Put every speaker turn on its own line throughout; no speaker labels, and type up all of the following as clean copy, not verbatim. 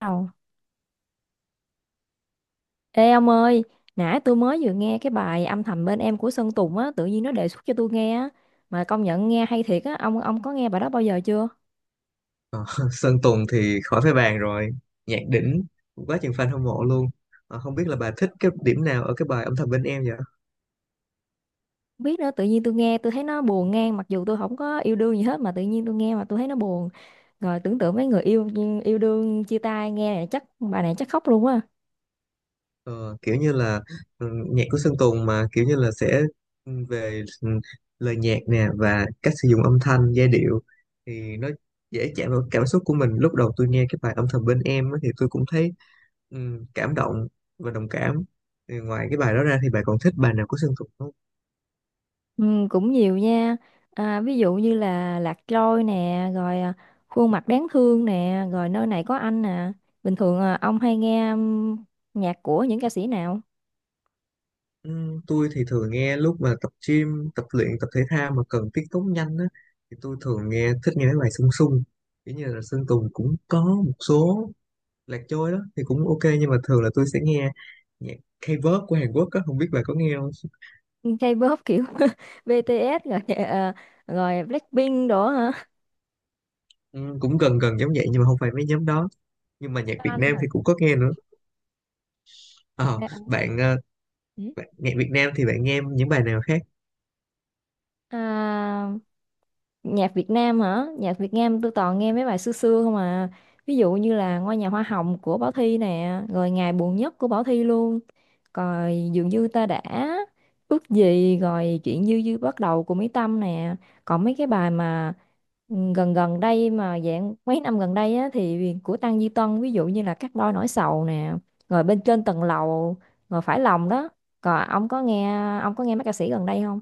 Ồ. Ê ông ơi, nãy tôi mới vừa nghe cái bài âm thầm bên em của Sơn Tùng á, tự nhiên nó đề xuất cho tôi nghe á, mà công nhận nghe hay thiệt á, ông có nghe bài đó bao giờ chưa?
Ờ, Sơn Tùng thì khỏi phải bàn rồi, nhạc đỉnh, quá chừng fan hâm mộ luôn. Không biết là bà thích cái điểm nào ở cái bài âm thầm bên em vậy.
Không biết nữa, tự nhiên tôi nghe tôi thấy nó buồn ngang, mặc dù tôi không có yêu đương gì hết mà tự nhiên tôi nghe mà tôi thấy nó buồn. Rồi tưởng tượng mấy người yêu yêu đương chia tay nghe này chắc bài này chắc khóc luôn á.
Ờ, kiểu như là nhạc của Sơn Tùng mà kiểu như là sẽ ừ, về ừ, lời nhạc nè và cách sử dụng âm thanh giai điệu thì nó dễ chạm vào cảm xúc của mình. Lúc đầu tôi nghe cái bài âm thầm bên em á thì tôi cũng thấy ừ, cảm động và đồng cảm. Thì ngoài cái bài đó ra thì bà còn thích bài nào của Sơn Tùng không?
Ừ, cũng nhiều nha, ví dụ như là Lạc Trôi nè, rồi khuôn mặt đáng thương nè, rồi nơi này có anh nè. Bình thường ông hay nghe nhạc của những ca sĩ nào?
Ừ, tôi thì thường nghe lúc mà tập gym, tập luyện, tập thể thao mà cần tiết tấu nhanh á, thì tôi thường nghe, thích nghe mấy bài sung sung. Kiểu như là Sơn Tùng cũng có một số, Lạc Trôi đó thì cũng ok, nhưng mà thường là tôi sẽ nghe nhạc K-pop của Hàn Quốc á, không biết bà có nghe không?
K-pop kiểu BTS rồi rồi Blackpink đó hả?
Ừ, cũng gần gần giống vậy nhưng mà không phải mấy nhóm đó. Nhưng mà nhạc Việt
Fan
Nam
hả?
thì cũng có nghe nữa. Ờ,
À,
bạn, ờ,
ừ.
Bạn nhạc Việt Nam thì bạn nghe những bài nào khác?
À, nhạc Việt Nam hả? Nhạc Việt Nam tôi toàn nghe mấy bài xưa xưa không à, ví dụ như là Ngôi nhà hoa hồng của Bảo Thy nè, rồi Ngày buồn nhất của Bảo Thy luôn, rồi dường như ta đã ước gì, rồi chuyện như dư bắt đầu của Mỹ Tâm nè. Còn mấy cái bài mà gần gần đây mà dạng mấy năm gần đây á, thì của Tăng Duy Tân, ví dụ như là Cắt đôi nỗi sầu nè, rồi bên trên tầng lầu, rồi phải lòng đó. Còn ông có nghe, ông có nghe mấy ca sĩ gần đây không?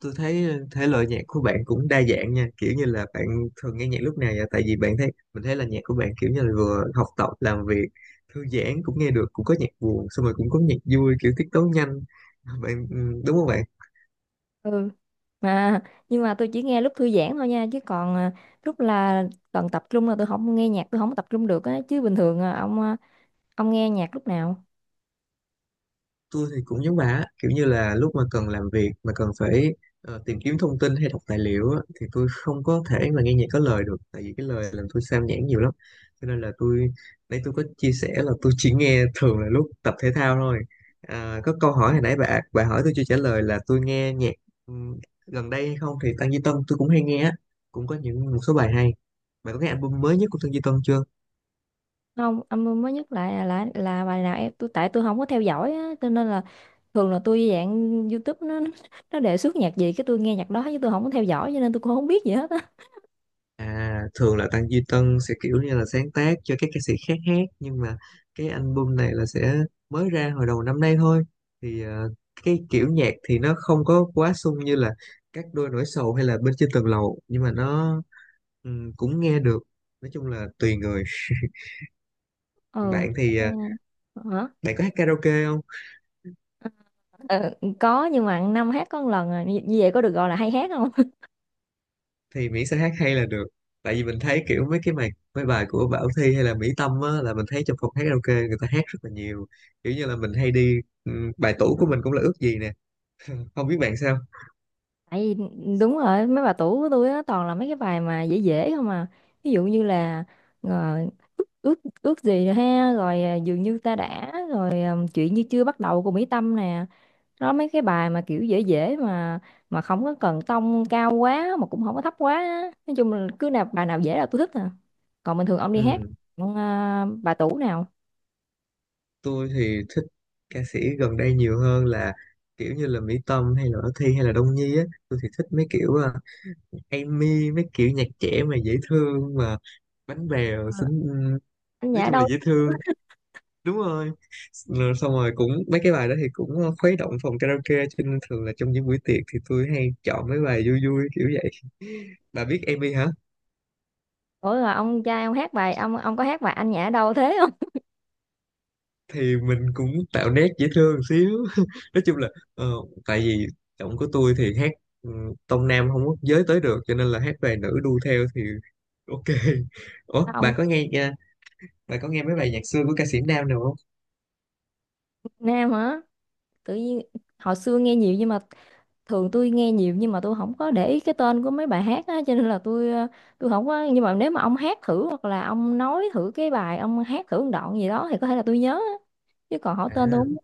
Tôi thấy thể loại nhạc của bạn cũng đa dạng nha. Kiểu như là bạn thường nghe nhạc lúc nào vậy, tại vì bạn thấy mình thấy là nhạc của bạn kiểu như là vừa học tập làm việc thư giãn cũng nghe được, cũng có nhạc buồn, xong rồi cũng có nhạc vui kiểu tiết tấu nhanh, bạn đúng không bạn?
Mà nhưng mà tôi chỉ nghe lúc thư giãn thôi nha, chứ còn lúc là cần tập trung là tôi không nghe nhạc, tôi không tập trung được á. Chứ bình thường ông, ông nghe nhạc lúc nào?
Tôi thì cũng giống bà á, kiểu như là lúc mà cần làm việc mà cần phải tìm kiếm thông tin hay đọc tài liệu á, thì tôi không có thể mà nghe nhạc có lời được, tại vì cái lời làm tôi sao nhãng nhiều lắm, cho nên là tôi, nãy tôi có chia sẻ là tôi chỉ nghe thường là lúc tập thể thao thôi. À, có câu hỏi hồi nãy bà hỏi tôi chưa trả lời là tôi nghe nhạc ừm, gần đây hay không thì Tăng Duy Tân tôi cũng hay nghe á, cũng có những một số bài hay. Bà có nghe album mới nhất của Tăng Duy Tân chưa?
Không, ông mới nhất lại là bài nào em tôi, tại tôi không có theo dõi á, cho nên là thường là tôi dạng YouTube nó đề xuất nhạc gì cái tôi nghe nhạc đó, chứ tôi không có theo dõi cho nên tôi cũng không biết gì hết á.
À, thường là Tăng Duy Tân sẽ kiểu như là sáng tác cho các ca sĩ khác hát, nhưng mà cái album này là sẽ mới ra hồi đầu năm nay thôi. Thì cái kiểu nhạc thì nó không có quá sung như là các đôi nổi sầu hay là bên trên tầng lầu, nhưng mà nó cũng nghe được. Nói chung là tùy người.
Ừ.
Bạn thì
À, hả?
bạn có hát karaoke không?
Ờ, có, nhưng mà năm hát có một lần à. Như như vậy có được gọi là hay hát
Thì miễn sao hát hay là được, tại vì mình thấy kiểu mấy cái bài, mấy bài của Bảo Thy hay là Mỹ Tâm á là mình thấy trong phòng hát karaoke người ta hát rất là nhiều. Kiểu như là mình hay đi, bài tủ của mình cũng là ước gì nè, không biết bạn sao?
tại vì, đúng rồi, mấy bà tủ của tôi á toàn là mấy cái bài mà dễ dễ không à, ví dụ như là, rồi ước ước ước gì ha, rồi dường như ta đã, rồi chuyện như chưa bắt đầu của Mỹ Tâm nè. Đó, mấy cái bài mà kiểu dễ dễ mà không có cần tông cao quá mà cũng không có thấp quá á. Nói chung là cứ nào bài nào dễ là tôi thích à. Còn bình thường ông đi hát
ừ,
ông, bà tủ nào?
tôi thì thích ca sĩ gần đây nhiều hơn là kiểu như là Mỹ Tâm hay là Bảo Thy hay là Đông Nhi á. Tôi thì thích mấy kiểu Amy, mấy kiểu nhạc trẻ mà dễ thương, mà bánh bèo xinh,
Anh
nói
Nhã
chung là
đâu?
dễ thương. Đúng rồi. Rồi xong rồi cũng mấy cái bài đó thì cũng khuấy động phòng karaoke, cho nên thường là trong những buổi tiệc thì tôi hay chọn mấy bài vui vui kiểu vậy. Bà biết Amy hả?
Ủa, rồi ông trai ông hát bài, ông có hát bài anh Nhã đâu thế không?
Thì mình cũng tạo nét dễ thương xíu. Nói chung là ờ, tại vì giọng của tôi thì hát ừ, tông nam không có giới tới được, cho nên là hát về nữ đu theo thì ok. Ủa
Ông
bà có nghe nha, bà có nghe mấy bài nhạc xưa của ca sĩ nam nào không?
Nam hả? Tự nhiên hồi xưa nghe nhiều, nhưng mà thường tôi nghe nhiều nhưng mà tôi không có để ý cái tên của mấy bài hát á, cho nên là tôi tôi không có. Nhưng mà nếu mà ông hát thử hoặc là ông nói thử cái bài, ông hát thử một đoạn gì đó thì có thể là tôi nhớ á. Chứ còn hỏi tên tôi không
À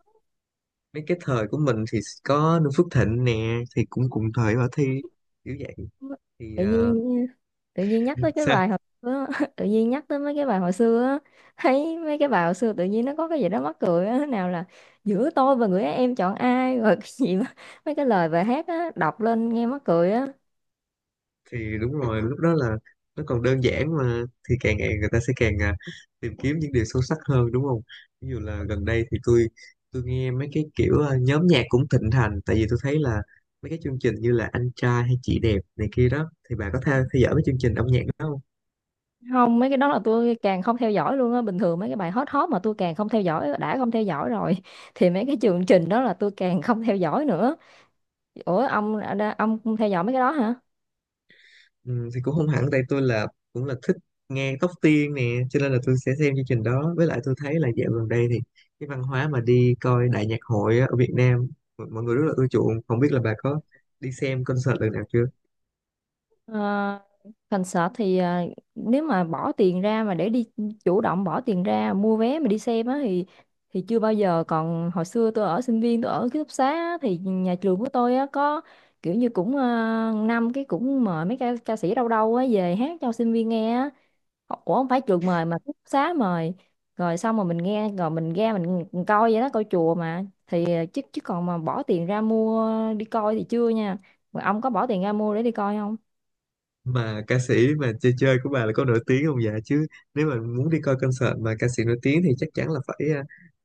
mấy cái thời của mình thì có Noo Phước Thịnh nè, thì cũng cùng thời bà Thi, kiểu vậy.
nhớ.
Thì
Tự nhiên, tự nhiên nhắc tới cái
sao?
bài hồi xưa á, tự nhiên nhắc tới mấy cái bài hồi xưa á, thấy mấy cái bài hồi xưa tự nhiên nó có cái gì đó mắc cười á, nào là giữa tôi và người ấy em chọn ai, rồi cái gì mà, mấy cái lời bài hát á đọc lên nghe mắc cười á.
Thì đúng rồi, lúc đó là nó còn đơn giản mà, thì càng ngày người ta sẽ càng tìm kiếm những điều sâu sắc hơn, đúng không? Ví dụ là gần đây thì tôi nghe mấy cái kiểu nhóm nhạc cũng thịnh hành, tại vì tôi thấy là mấy cái chương trình như là anh trai hay chị đẹp này kia đó, thì bà có theo theo dõi mấy chương trình âm nhạc đó không?
Không, mấy cái đó là tôi càng không theo dõi luôn á. Bình thường mấy cái bài hot hot mà tôi càng không theo dõi, đã không theo dõi rồi thì mấy cái chương trình đó là tôi càng không theo dõi nữa. Ủa ông không theo dõi mấy cái đó hả?
Ừ, thì cũng không hẳn, tại tôi là cũng là thích nghe Tóc Tiên nè, cho nên là tôi sẽ xem chương trình đó. Với lại tôi thấy là dạo gần đây thì cái văn hóa mà đi coi đại nhạc hội á, ở Việt Nam mọi mọi người rất là ưa chuộng, không biết là bà có đi xem concert lần nào chưa?
Ờ, concert thì nếu mà bỏ tiền ra mà để đi, chủ động bỏ tiền ra mua vé mà đi xem á, thì chưa bao giờ. Còn hồi xưa tôi ở sinh viên, tôi ở ký túc xá á, thì nhà trường của tôi á có kiểu như cũng năm cái cũng mời mấy ca sĩ đâu đâu á về hát cho sinh viên nghe á. Ủa không phải trường mời mà ký túc xá mời, rồi xong rồi mình nghe rồi mình ra mình coi vậy đó, coi chùa mà, thì ờ, chứ chứ còn mà bỏ tiền ra mua đi coi thì chưa nha. Mà ông có bỏ tiền ra mua để đi coi không?
Mà ca sĩ mà chơi chơi của bà là có nổi tiếng không dạ chứ? Nếu mà muốn đi coi concert mà ca sĩ nổi tiếng thì chắc chắn là phải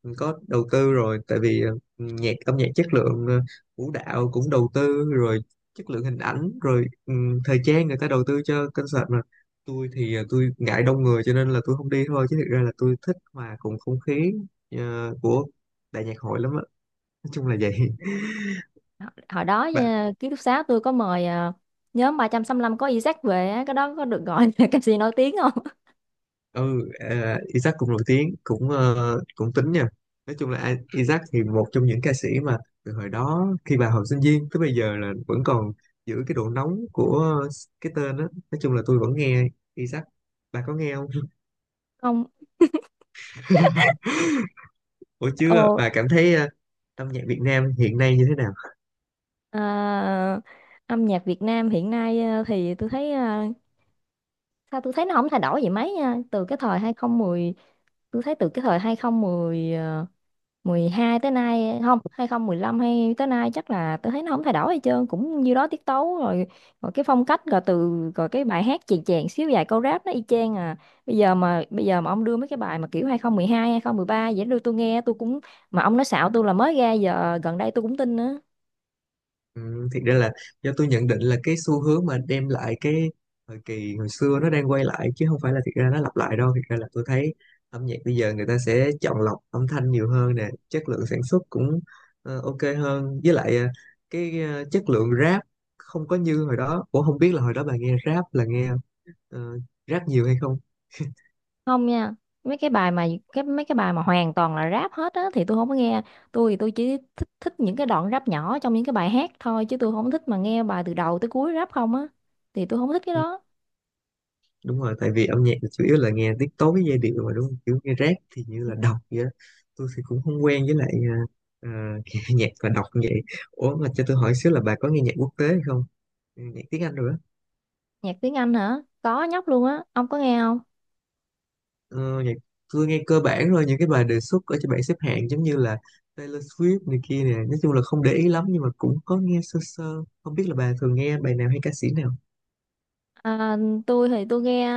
có đầu tư rồi, tại vì ờ, nhạc âm nhạc chất lượng, vũ đạo cũng đầu tư rồi, chất lượng hình ảnh rồi thời trang, người ta đầu tư cho concert mà. Tôi thì tôi ngại đông người, cho nên là tôi không đi thôi, chứ thực ra là tôi thích hòa cùng không khí của đại nhạc hội lắm á. Nói chung là vậy.
Hồi hồi đó ký túc xá tôi có mời nhóm 365 có Isaac về á, cái đó có được gọi là ca sĩ nổi tiếng không?
Ừ à, Isaac cũng nổi tiếng, cũng cũng tính nha. Nói chung là Isaac thì một trong những ca sĩ mà từ hồi đó khi bà học sinh viên tới bây giờ là vẫn còn giữ cái độ nóng của cái tên đó. Nói chung là tôi vẫn nghe Isaac, bà có nghe không?
Không.
Ủa
Ồ.
chưa, bà cảm thấy âm nhạc Việt Nam hiện nay như thế nào?
À, âm nhạc Việt Nam hiện nay thì tôi thấy sao tôi thấy nó không thay đổi gì mấy nha, từ cái thời 2010, tôi thấy từ cái thời 2010 hai tới nay, không, 2015 hay tới nay chắc là, tôi thấy nó không thay đổi gì hết trơn, cũng như đó tiết tấu rồi, rồi cái phong cách, rồi từ, rồi cái bài hát chèn chèn xíu vài câu rap, nó y chang à. Bây giờ mà, bây giờ mà ông đưa mấy cái bài mà kiểu 2012 ba vậy đưa tôi nghe tôi cũng, mà ông nói xạo tôi là mới ra giờ gần đây tôi cũng tin nữa.
Ừ, thiệt ra là do tôi nhận định là cái xu hướng mà đem lại cái thời kỳ hồi xưa nó đang quay lại, chứ không phải là thiệt ra nó lặp lại đâu. Thiệt ra là tôi thấy âm nhạc bây giờ người ta sẽ chọn lọc âm thanh nhiều hơn nè, chất lượng sản xuất cũng ok hơn, với lại chất lượng rap không có như hồi đó. Cũng không biết là hồi đó bà nghe rap là nghe ờ, rap nhiều hay không?
Không nha, mấy cái bài mà, cái mấy cái bài mà hoàn toàn là rap hết á thì tôi không có nghe. Tôi thì tôi chỉ thích thích những cái đoạn rap nhỏ trong những cái bài hát thôi, chứ tôi không thích mà nghe bài từ đầu tới cuối rap không á, thì tôi không thích cái đó.
Đúng rồi, tại vì âm nhạc thì chủ yếu là nghe tiết tấu với giai điệu mà, đúng không? Kiểu nghe rap thì như là đọc vậy đó. Tôi thì cũng không quen, với lại à, nghe nhạc và đọc như vậy. Ủa mà cho tôi hỏi xíu là bà có nghe nhạc quốc tế hay không, nhạc tiếng Anh rồi đó.
Nhạc tiếng Anh hả? Có nhóc luôn á, ông có nghe không?
Ờ, nhạc Tôi nghe cơ bản rồi những cái bài đề xuất ở trên bảng xếp hạng, giống như là Taylor Swift này kia nè. Nói chung là không để ý lắm, nhưng mà cũng có nghe sơ sơ. Không biết là bà thường nghe bài nào hay ca sĩ nào?
À, tôi thì tôi nghe,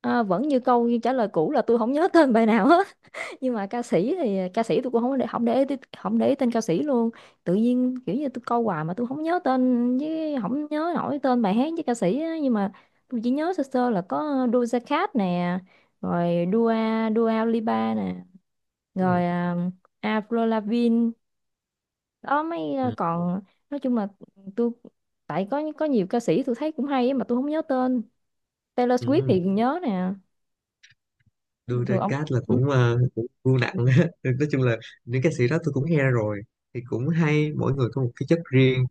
à, vẫn như câu như trả lời cũ là tôi không nhớ tên bài nào hết, nhưng mà ca sĩ thì ca sĩ tôi cũng không để không để ý- không để ý tên ca sĩ luôn. Tự nhiên kiểu như tôi câu hoài mà tôi không nhớ tên, với không nhớ nổi tên bài hát với ca sĩ á. Nhưng mà tôi chỉ nhớ sơ sơ là có Doja Cat nè, rồi Dua Dua Lipa nè,
Ừ.
rồi Avril Lavigne, đó mấy,
Ừ.
còn nói chung là tôi, tại có nhiều ca sĩ tôi thấy cũng hay á mà tôi không nhớ tên. Taylor Swift
Ừ.
thì nhớ nè. Bình
Đưa ra
thường ông
cát là
ừ.
cũng cũng vô nặng á. Nói chung là những ca sĩ đó tôi cũng nghe rồi, thì cũng hay, mỗi người có một cái chất riêng.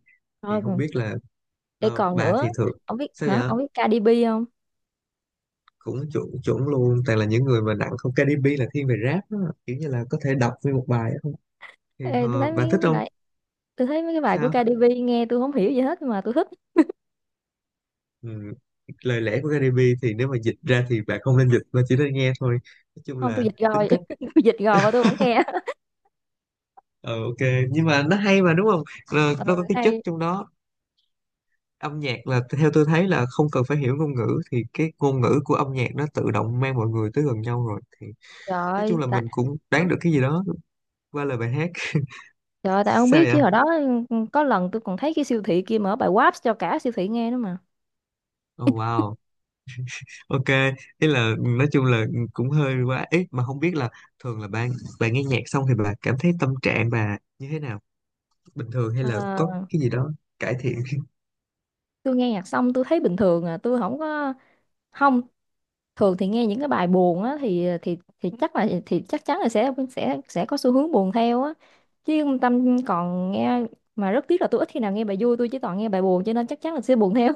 Thì
Thôi
không
còn-
biết là
để còn
bà
nữa,
thì thường
ông biết
sao vậy?
hả, ông biết Cardi B không?
Cũng chuẩn chuẩn luôn, toàn là những người mà nặng không. Cardi B là thiên về rap đó, kiểu như là có thể đọc nguyên một bài á. Không thì
Ê, tôi thấy
bà
mấy
thích
cái
không?
bài, tôi thấy mấy cái bài của
Sao?
Cardi B nghe tôi không hiểu gì hết nhưng mà tôi thích.
Ừ. Lời lẽ của Cardi B thì nếu mà dịch ra thì bà không nên dịch mà chỉ nên nghe thôi. Nói chung
Không tôi
là
dịch
tính
rồi,
cách
tôi dịch rồi và tôi vẫn nghe.
ờ ok, nhưng mà nó hay mà đúng không? Ờ,
Ừ,
nó có cái chất
hay.
trong đó. Âm nhạc là theo tôi thấy là không cần phải hiểu ngôn ngữ, thì cái ngôn ngữ của âm nhạc nó tự động mang mọi người tới gần nhau rồi. Thì
Trời
nói chung
ơi,
là
tại,
mình cũng đoán được cái gì đó qua lời bài hát.
trời ơi, tại ông
Sao
biết
vậy?
chứ hồi đó có lần tôi còn thấy cái siêu thị kia mở bài WAP cho cả siêu thị nghe nữa mà.
Oh wow, ok. Ý là nói chung là cũng hơi quá ít, mà không biết là thường là bạn bạn nghe nhạc xong thì bạn cảm thấy tâm trạng bà như thế nào, bình thường hay là có
Ờ,
cái gì đó cải thiện?
tôi nghe nhạc xong tôi thấy bình thường à, tôi không có không, thường thì nghe những cái bài buồn á thì thì chắc là thì chắc chắn là sẽ sẽ có xu hướng buồn theo á, chứ Tâm còn nghe, mà rất tiếc là tôi ít khi nào nghe bài vui, tôi chỉ toàn nghe bài buồn cho nên chắc chắn là sẽ buồn theo.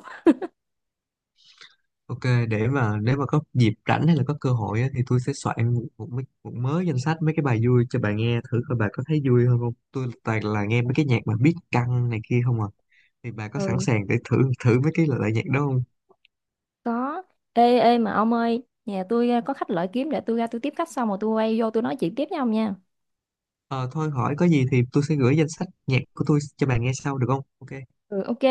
Ok, để mà nếu mà có dịp rảnh hay là có cơ hội á, thì tôi sẽ soạn một mớ danh sách mấy cái bài vui cho bà nghe thử coi bà có thấy vui hơn không. Tôi toàn là nghe mấy cái nhạc mà beat căng này kia không à. Thì bà có sẵn
Ừ.
sàng để thử thử mấy cái loại nhạc đó không?
Có. Ê ê mà ông ơi, nhà tôi à, có khách lợi kiếm để tôi ra tôi tiếp khách xong rồi tôi quay vô tôi nói chuyện tiếp với ông nha.
Ờ thôi hỏi có gì thì tôi sẽ gửi danh sách nhạc của tôi cho bà nghe sau được không? Ok.
Ừ, ok.